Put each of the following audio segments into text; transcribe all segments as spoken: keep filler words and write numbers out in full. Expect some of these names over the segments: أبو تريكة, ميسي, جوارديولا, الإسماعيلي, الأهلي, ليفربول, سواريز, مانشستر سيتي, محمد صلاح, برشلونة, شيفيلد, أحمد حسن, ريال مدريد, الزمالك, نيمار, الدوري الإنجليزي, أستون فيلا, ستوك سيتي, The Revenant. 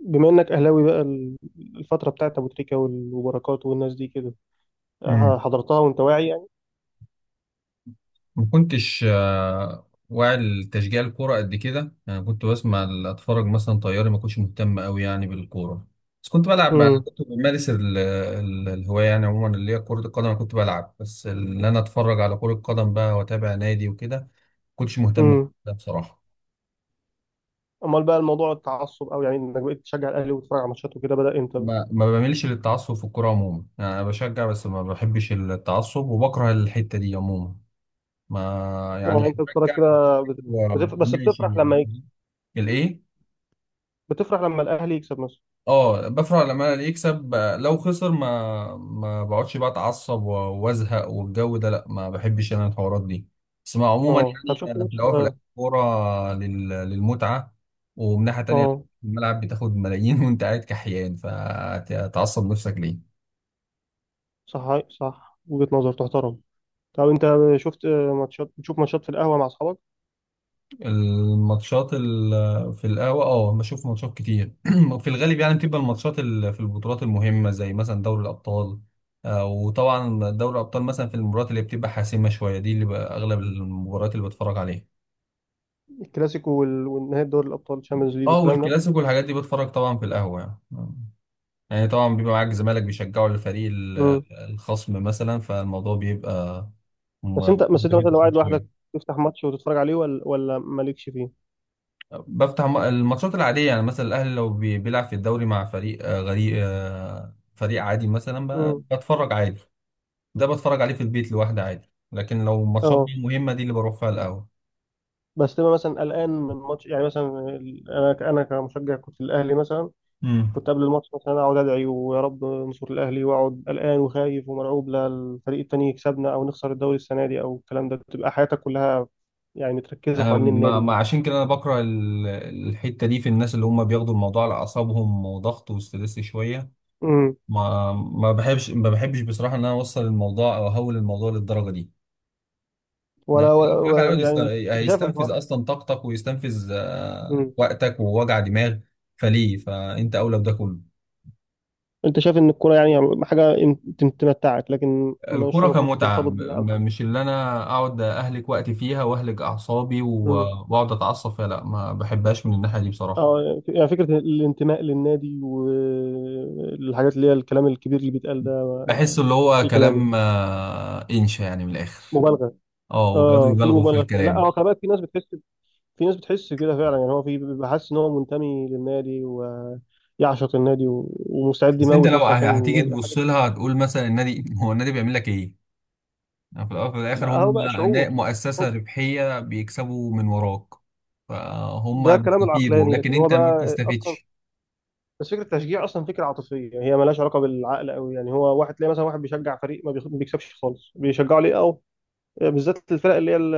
بما انك اهلاوي بقى ال- الفتره بتاعت ابو تريكه وال- وبركات والناس دي كده، آه، مم. حضرتها وانت واعي يعني. ما كنتش آه، واعي لتشجيع الكورة قد كده، يعني كنت بسمع ال- اتفرج مثلا طياري. ما كنتش مهتم قوي يعني بالكورة، بس كنت بلعب بقى- امم. كنت بمارس ال- ال- الهواية يعني عموما اللي هي كرة القدم. أنا كنت بلعب بس اللي انا اتفرج على كرة قدم بقى واتابع نادي وكده، ما كنتش مهتم امم. بده بصراحة. امال بقى الموضوع التعصب او يعني انك بقيت تشجع الاهلي وتتفرج على ماتشاته كده بدا امتى بقى؟ ما ما بعملش للتعصب في الكورة عموما، يعني انا بشجع بس ما بحبش التعصب وبكره الحتة دي عموما. ما يعني اه انت بتتفرج بشجع. كده بت- آه، بتف... بس بتفرح ماشي. لما يكسب؟ الايه؟ بتفرح لما الاهلي يكسب مثلا؟ اه، بفرح لما انا اللي يكسب. لو خسر ما ما بقعدش بقى اتعصب و- وازهق والجو ده، لا، ما بحبش انا الحوارات دي. بس مع عموما، اه طب يعني شفت أنا في ماتش الاول وفي اه. الاخر كوره لل- للمتعه. ومن ناحيه تانيه، آه، الملعب بتاخد ملايين وانت قاعد كحيان، فتعصب نفسك ليه؟ صح صح، وجهه نظر تحترم. طب انت شفت آه، ماتشات، بتشوف ماتشات في القهوه مع اصحابك؟ الماتشات ال- في القهوة، اه، بشوف ماتشات كتير في الغالب. يعني بتبقى الماتشات ال- في البطولات المهمة، زي مثلا دوري الأبطال. آه، وطبعا دوري الأبطال مثلا، في المباريات اللي بتبقى حاسمة شوية دي، اللي بقى أغلب المباريات اللي بتفرج عليها. الكلاسيكو وال- والنهائي دوري الابطال الشامبيونز ليج اه، والكلام والكلاسيكو والحاجات دي بتفرج طبعا في القهوة يعني يعني طبعا بيبقى معاك زمالك بيشجعوا الفريق ال- ده. الخصم مثلا، فالموضوع بيبقى بس م- انت بس انت ممتع مثلا لو قاعد لوحدك شوية. تفتح ماتش وتتفرج عليه ولا ولا مالكش فيه؟ بفتح م- الماتشات العادية، يعني مثلا الأهلي لو بي- بيلعب في الدوري مع فريق آه، غريق آه، فريق عادي مثلا، ب- مم. بتفرج عادي. ده بتفرج عليه في البيت لوحدي عادي، لكن لو ماتشات اه بقى مهمة دي اللي بروح فيها القهوة. بس تبقى مثلا قلقان من ماتش؟ يعني مثلا ال- انا ك- انا كمشجع كنت الاهلي مثلا، كنت امم. قبل الماتش مثلا اقعد ادعي ويا رب نصر الاهلي، واقعد قلقان وخايف ومرعوب لا الفريق التاني يكسبنا او نخسر الدوري السنه دي او الكلام ده. بتبقى حياتك كلها يعني متركزه أنا حوالين ما النادي ده. ما- عشان كده أنا بكره ال- الحتة دي في الناس اللي هم بياخدوا الموضوع على أعصابهم وضغط وستريس شوية. امم. ما ما بحبش ما بحبش بصراحة إن أنا أوصل الموضوع أو أهول الموضوع للدرجة دي. نعم، ولا و... الفخ و... هيقعد يست- يعني ش- انت شايف هيستنفذ الحوار؟ اصلا طاقتك ويستنفذ آه، امم. وقتك ووجع دماغ، فليه؟ فانت اولى بده كله. انت شايف ان الكوره يعني حاجه ان- تم- تمتعك، لكن مش الكرة المفروض كمتعة، ترتبط م- بيها او م- مش اللي انا اقعد اهلك وقتي فيها واهلك اعصابي و- كده؟ واقعد اتعصب فيها، لا، ما بحبهاش من الناحية دي بصراحة. اه يعني فكرة الانتماء للنادي والحاجات اللي هي الكلام الكبير اللي بيتقال ده، بحس ما- اللي هو اي كلام يعني، كلام آه، انشا يعني من الاخر. مبالغه. اه، وبيقعدوا اه في يبالغوا في مبالغه شوية. لا الكلام. هو خلي بالك، في ناس بتحس، في ناس بتحس كده فعلا. يعني هو في بيبقى حاسس ان هو منتمي للنادي ويعشق النادي و- ومستعد بس انت يموت لو نفسه ه- عشان هتيجي النادي حاجه. تبص لها، هتقول مثلا النادي هو النادي بيعمل لك ايه؟ يعني في الأول وفي الآخر ما هو هم بقى نا- شعور مؤسسة حب. ربحية بيكسبوا من وراك، فهم ده كلام بيستفيدوا العقلاني لكن لكن هو أنت ما بقى اصلا، بتستفيدش. بس فكره التشجيع اصلا فكره عاطفيه، يعني هي مالهاش علاقه بالعقل قوي. يعني هو واحد تلاقي مثلا واحد بيشجع فريق ما بيخ- ما بيكسبش خالص، بيشجعه ليه؟ اه بالذات الفرق اللي هي ال-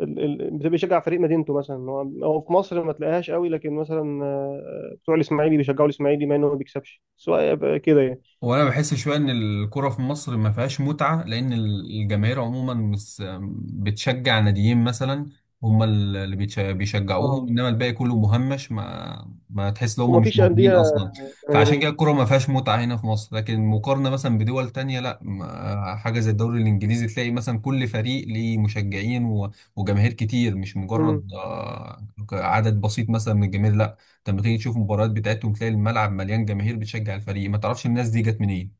ال- ال- بتبقى بيشجع فريق مدينته مثلا. هو هو في مصر ما تلاقيهاش قوي، لكن مثلا آه، بتوع الاسماعيلي بيشجعوا الاسماعيلي مع انه ما بيكسبش، سواء يبقى كده يعني. وانا بحس شويه ان الكره في مصر ما فيهاش متعه، لان ال- الجماهير عموما مس بتشجع ناديين مثلا، هم اللي بيتش- بيشجعوهم، اه انما الباقي كله مهمش، ما ما تحس ان هم مش ومفيش موجودين انديه اصلا. فعشان جماهيريه. كده الكره ما فيهاش متعه هنا في مصر، لكن مقارنه مثلا بدول تانية، لا، ما- حاجه زي الدوري الانجليزي تلاقي مثلا كل فريق ليه مشجعين و- وجماهير كتير، مش امم. مجرد آه، عدد بسيط مثلا من الجماهير. انت لما تيجي تشوف المباريات بتاعتهم، تلاقي الملعب مليان جماهير بتشجع الفريق، ما تعرفش الناس دي جت منين.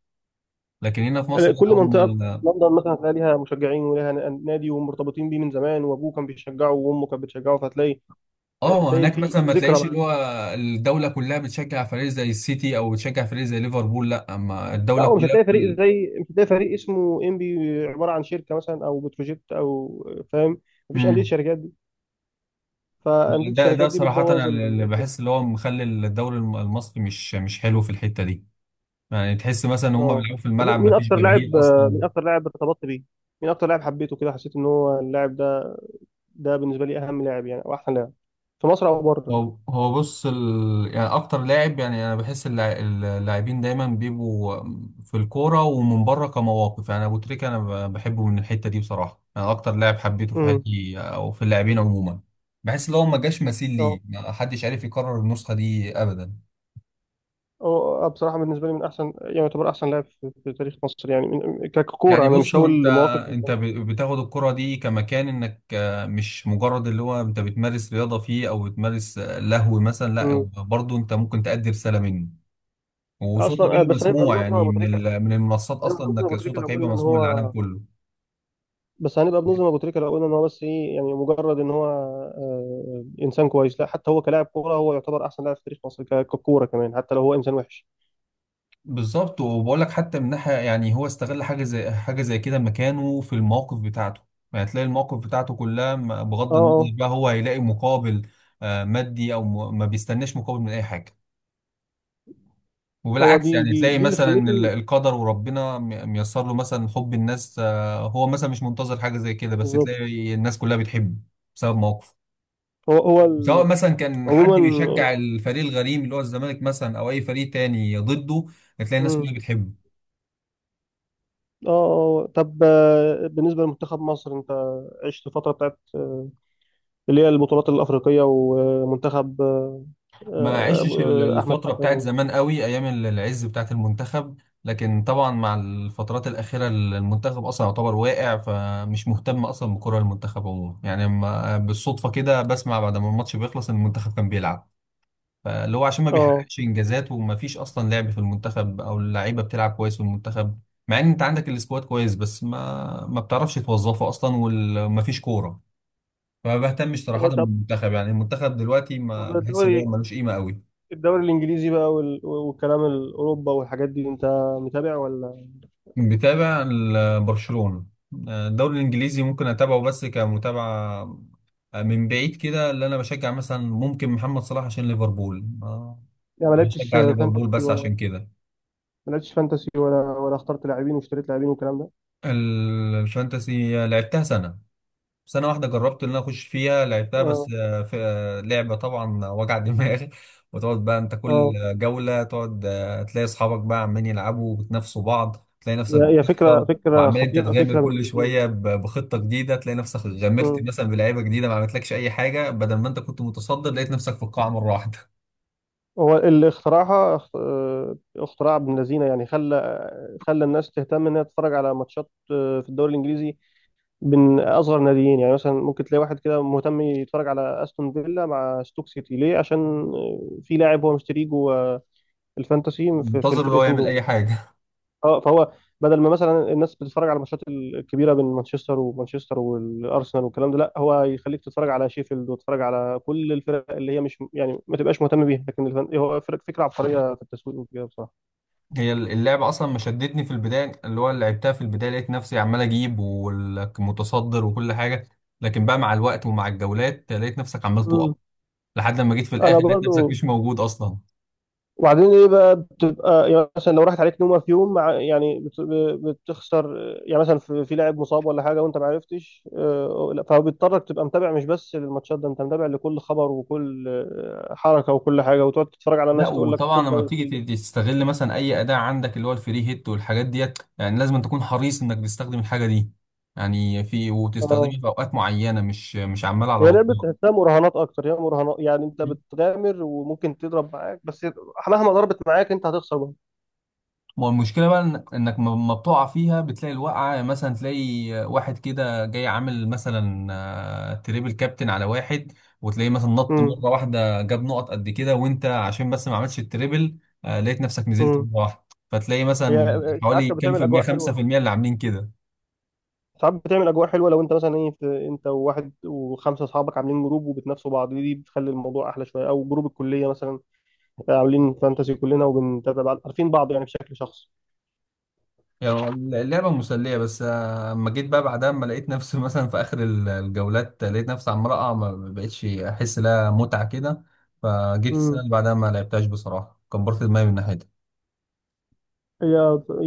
لكن هنا في مصر لا، كل منطقه اول في ما لندن مثلا هتلاقي ليها مشجعين وليها ن- نادي، ومرتبطين بيه من زمان، وابوه كان بيشجعه وامه كانت بتشجعه، فهتلاقي اه، تلاقي هناك في مثلا ما ذكرى تلاقيش معاه. اللي هو الدوله كلها بتشجع فريق زي السيتي او بتشجع فريق زي ليفربول، لا، اما لا، الدوله ومش كلها هتلاقي فريق كل... زي، مش هتلاقي فريق اسمه انبي، عباره عن شركه مثلا او بتروجيت او، فاهم؟ مفيش انديه مم. شركات دي. فانديه ده ده الشركات دي صراحه انا بتبوظ اللي ال- بحس اللي هو مخلي الدوري الم- المصري مش مش حلو في الحته دي. يعني تحس مثلا ان هم اه بيلعبوا في طب مين الملعب ما مين فيش اكتر لاعب، جماهير آه، اصلا. مين اكتر لاعب ارتبطت بيه؟ مين اكتر لاعب حبيته كده، حسيت ان هو اللاعب ده ده بالنسبه لي اهم لاعب يعني، او احسن لاعب في مصر او بره؟ هو هو بص ال... يعني اكتر لاعب، يعني انا بحس اللع- اللاعبين دايما بيبقوا في الكوره ومن بره كمواقف. يعني ابو تريكه انا ب- بحبه من الحته دي بصراحه، انا اكتر لاعب حبيته في امم. حياتي او في اللاعبين عموما. بحس ان هو ما جاش مثيل ليه، اه ما حدش عارف يكرر النسخه دي ابدا. اه آه، بصراحه بالنسبه لي من احسن، يعني يعتبر احسن لاعب في في تاريخ مصر يعني من- ككوره، يعني انا بص، مش هو هقول انت مواقف. انت ب- بتاخد الكره دي كمكان انك آه، مش مجرد اللي هو انت بتمارس رياضه فيه او بتمارس آه، لهو مثلا، امم. لا، برضه انت ممكن تأدي رساله منه. وصوتك اصلا آه، بيبقى بس هنبقى مسموع بنظلم يعني ابو من تريكه، ال- من المنصات هنبقى اصلا، بنظلم ابو انك تريكه لو صوتك هيبقى قلنا ان مسموع للعالم هو، كله. بس هنبقى بنظلم ابو تريكه لو قلنا ان هو بس ايه، يعني مجرد ان هو آه، انسان كويس. لا حتى هو كلاعب كوره هو يعتبر احسن لاعب في تاريخ مصر ك- ككوره كمان، حتى لو هو انسان وحش. بالظبط، وبقول لك حتى من ناحيه يعني، هو استغل حاجه زي حاجه زي كده مكانه في المواقف بتاعته. يعني تلاقي المواقف بتاعته كلها م- بغض اه النظر اه بقى، هو هيلاقي مقابل آه، مادي او م- ما بيستناش مقابل من اي حاجه. هو وبالعكس دي يعني، دي تلاقي دي اللي مثلا ال- خلته. القدر وربنا م- ميسر له مثلا حب الناس. آه، هو مثلا مش منتظر حاجه زي كده، بس بالظبط. تلاقي الناس كلها بتحبه بسبب مواقفه. هو هو سواء ال... مثلا كان حد عموما. بيشجع الفريق الغريم اللي هو الزمالك مثلا، او اي فريق تاني ضده، هتلاقي الناس كلها مم. بتحبه. اه اه طب آه، بالنسبه لمنتخب مصر، انت عشت الفتره بتاعت آه، اللي هي البطولات الافريقيه ومنتخب آه، ما عشش ال- آه، احمد الفتره حسن بتاعت و... زمان قوي، ايام ال- العز بتاعت المنتخب. لكن طبعا مع الفترات الاخيره، ال- المنتخب اصلا يعتبر واقع، فمش مهتم اصلا بكره المنتخب عموما. يعني ما- بالصدفه كده بسمع بعد ما الماتش بيخلص ان المنتخب كان بيلعب، فاللي هو عشان ما اه. بيحققش انجازات، وما فيش اصلا لعب في المنتخب او اللعيبه بتلعب كويس في المنتخب. مع ان انت عندك السكواد كويس، بس ما ما بتعرفش توظفه اصلا، وما فيش كوره. فما بهتمش صراحه هو طب، بالمنتخب، يعني المنتخب دلوقتي ما طب بحس ان هو الدوري، ملوش قيمه قوي. الدوري الانجليزي بقى وال... والكلام الاوروبا والحاجات دي، انت متابع ولا؟ بتابع ال- برشلونه. الدوري الانجليزي ممكن اتابعه بس كمتابعه من بعيد كده. اللي انا بشجع مثلا ممكن محمد صلاح عشان ليفربول، آه، يعني ما لعبتش بشجع ليفربول فانتسي بس ولا، عشان كده. ما لعبتش فانتسي ولا ولا اخترت لاعبين واشتريت لاعبين والكلام ده؟ ال- الفانتسي لعبتها سنه سنة واحدة، جربت إن أنا أخش فيها. لعبتها بس اه آه، في آه، لعبة طبعا وجع دماغ وتقعد بقى أنت كل اه جولة تقعد آه، تلاقي أصحابك بقى عمالين يلعبوا وبتنافسوا بعض، تلاقي نفسك هي هي فكرة بتخسر. فكرة وعمال أنت خطيرة، تغامر فكرة بنت كل لذينة. شوية ب- بخطة جديدة، تلاقي نفسك غامرت مم. مثلا بلعيبة جديدة ما عملتلكش أي حاجة، بدل ما أنت كنت متصدر لقيت نفسك في القاع مرة واحدة هو اللي اخترعها اخت- آه، اختراع ابن لذينة. يعني خلى خلى الناس تهتم انها تتفرج على ماتشات آه، في الدوري الانجليزي من اصغر ناديين. يعني مثلا ممكن تلاقي واحد كده مهتم يتفرج على استون فيلا مع ستوك سيتي ليه؟ عشان آه، في لاعب هو مشتريه جوه الفانتسي في في منتظر اللي هو الفرقتين يعمل أي دول. حاجة. اه فهو بدل ما مثلا الناس بتتفرج على الماتشات الكبيره بين مانشستر ومانشستر والارسنال والكلام ده، لا هو يخليك تتفرج على شيفيلد وتتفرج على كل الفرق اللي هي مش، يعني ما تبقاش مهتم بيها، لكن الفن هو فرق، فكره عبقريه في التسويق وكده بصراحه. هي اللعبة أصلا ما شدتني في البداية، اللي هو لعبتها في البداية لقيت نفسي عمال أجيب والمتصدر وكل حاجة، لكن بقى مع الوقت ومع الجولات لقيت نفسك عمال تقع، مم. لحد لما جيت في انا الآخر لقيت نفسك برضو. مش موجود أصلا. وبعدين ايه بقى، بتبقى يعني مثلا لو راحت عليك نومه في يوم مع يعني بت- بتخسر. يعني مثلا في في لاعب مصاب ولا حاجه وانت ما عرفتش آه، لا، فبيضطرك تبقى متابع مش بس للماتشات، ده انت متابع لكل خبر وكل آه، حركه وكل حاجه، وتقعد تتفرج على لا، ناس تقول لك وطبعا خد ده لما وشيل ده. بتيجي ت- تستغل مثلا أي أداة عندك، اللي هو الفري هيت والحاجات ديت، يعني لازم تكون حريص إنك تستخدم الحاجة دي يعني في، اه وتستخدمها في أوقات معينة مش مش عمال على هي لعبه بطال. تحسها مراهنات اكتر، هي مراهنات. يعني انت بتغامر وممكن تضرب معاك، بس مهما ضربت معاك انت هتخسر برضه. ما هو المشكلة بقى إن- انك م- ما بتقع فيها، بتلاقي الوقعة يعني مثلا، تلاقي واحد كده جاي عامل مثلا آه، تريبل كابتن على واحد، وتلاقيه مثلا نط امم. مرة واحدة جاب نقط قد كده، وانت عشان بس ما عملتش التريبل آه، لقيت نفسك نزلت امم. مرة واحدة. فتلاقي هي مثلا آه، ساعات حوالي كانت كام بتعمل في المية، اجواء خمسة حلوه، في المية اللي عاملين كده. ساعات بتعمل اجواء حلوه لو انت مثلا ايه، في انت وواحد وخمسه اصحابك عاملين جروب وبتنافسوا بعض، دي بتخلي الموضوع احلى شويه، او جروب الكليه مثلا عاملين فانتسي كلنا وبنتابع بعض عارفين بعض يعني بشكل شخصي. يعني هو اللعبة مسلية، بس آه، اما جيت بقى بعدها، اما لقيت نفسي مثلا في اخر ال- الجولات لقيت نفسي عمال اقع، ما بقتش احس لها متعة كده. فجيت السنة امم. اللي بعدها ما لعبتهاش بصراحة، كبرت دماغي من ناحيتها. هي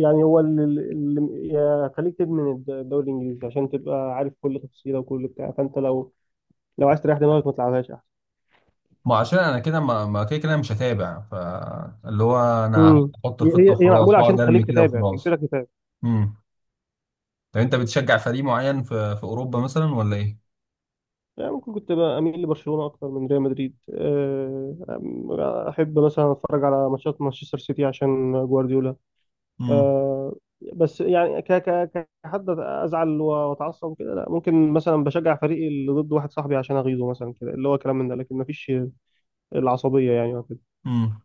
يعني هو اللي اللي- يا- خليك تدمن الد- الدوري الانجليزي عشان تبقى عارف كل تفصيله وكل بتاع. فانت لو، لو عايز تريح دماغك ما تلعبهاش احسن. ما عشان انا كده ما ما كده كده مش هتابع، فاللي هو انا امم. هحط هي الخطة هي هي وخلاص معموله عشان واقعد ارمي تخليك كده تتابع، وخلاص. تجبرك تتابع. امم. طب انت بتشجع فريق معين في في اوروبا مثلا ولا ايه؟ يعني ممكن كنت بقى اميل لبرشلونه اكتر من ريال مدريد. أه، أم- احب مثلا اتفرج على ماتشات مانشستر سيتي عشان جوارديولا. امم. أه، بس يعني ك ك كحد ازعل واتعصب وكده لا. ممكن مثلا بشجع فريقي اللي ضد واحد صاحبي عشان اغيظه مثلا كده، اللي هو كلام من ده، لكن مفيش العصبيه يعني أو كده. امم.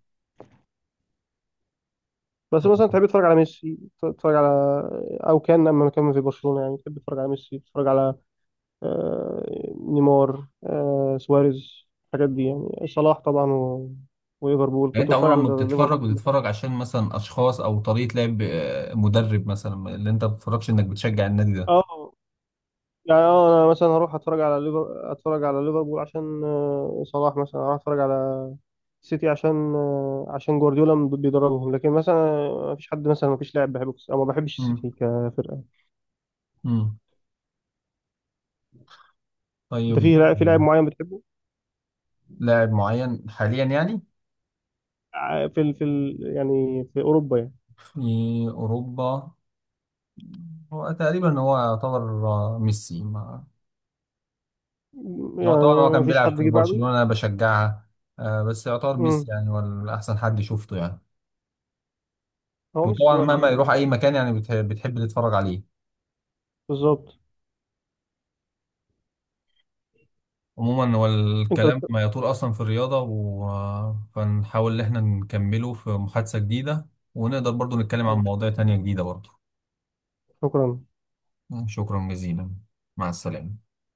بس مثلا تحب تتفرج على ميسي، تتفرج على، او كان لما كان في برشلونه يعني تحب تتفرج على ميسي تتفرج على آه، نيمار، آه، سواريز، الحاجات دي. يعني صلاح طبعا و... وليفربول، يعني كنت انت بتفرج عموما على لما بتتفرج، ليفربول كل حاجه. بتتفرج عشان مثلا اشخاص او طريقه لعب، آه، مدرب مثلا، اللي انت ما بتتفرجش انك بتشجع النادي ده. اه يعني اه انا مثلا هروح اتفرج على ليفر، اتفرج على ليفربول عشان آه، صلاح، مثلا هروح اتفرج على سيتي عشان آه، عشان جوارديولا م- بيدربهم، لكن مثلا ما فيش حد مثلا، ما فيش لاعب بحبه كس- او ما بحبش امم. السيتي كفرقه. امم. انت طيب. في لاعب، في لاعب معين بتحبه؟ لاعب معين حاليا يعني ع- في ال... في ال... يعني في اوروبا يعني؟ في اوروبا. هو تقريبا هو يعتبر آه، ميسي ما- هو يعني طبعا هو ما كان فيش بيلعب حد في جه بعده؟ برشلونه انا بشجعها. آه، بس يعتبر امم. ميسي، يعني هو احسن حد شفته يعني. هو ميسي وطبعا هو مهما يروح ال- اي مكان، يعني بتح- بتحب تتفرج عليه. بالظبط. عموما هو انت الكلام بت... ما يطول اصلا في الرياضه و... فنحاول ان احنا نكمله في محادثه جديده، ونقدر برضو نتكلم عن مواضيع تانية جديده برضو. شكرا. شكرا جزيلا. مع السلامه.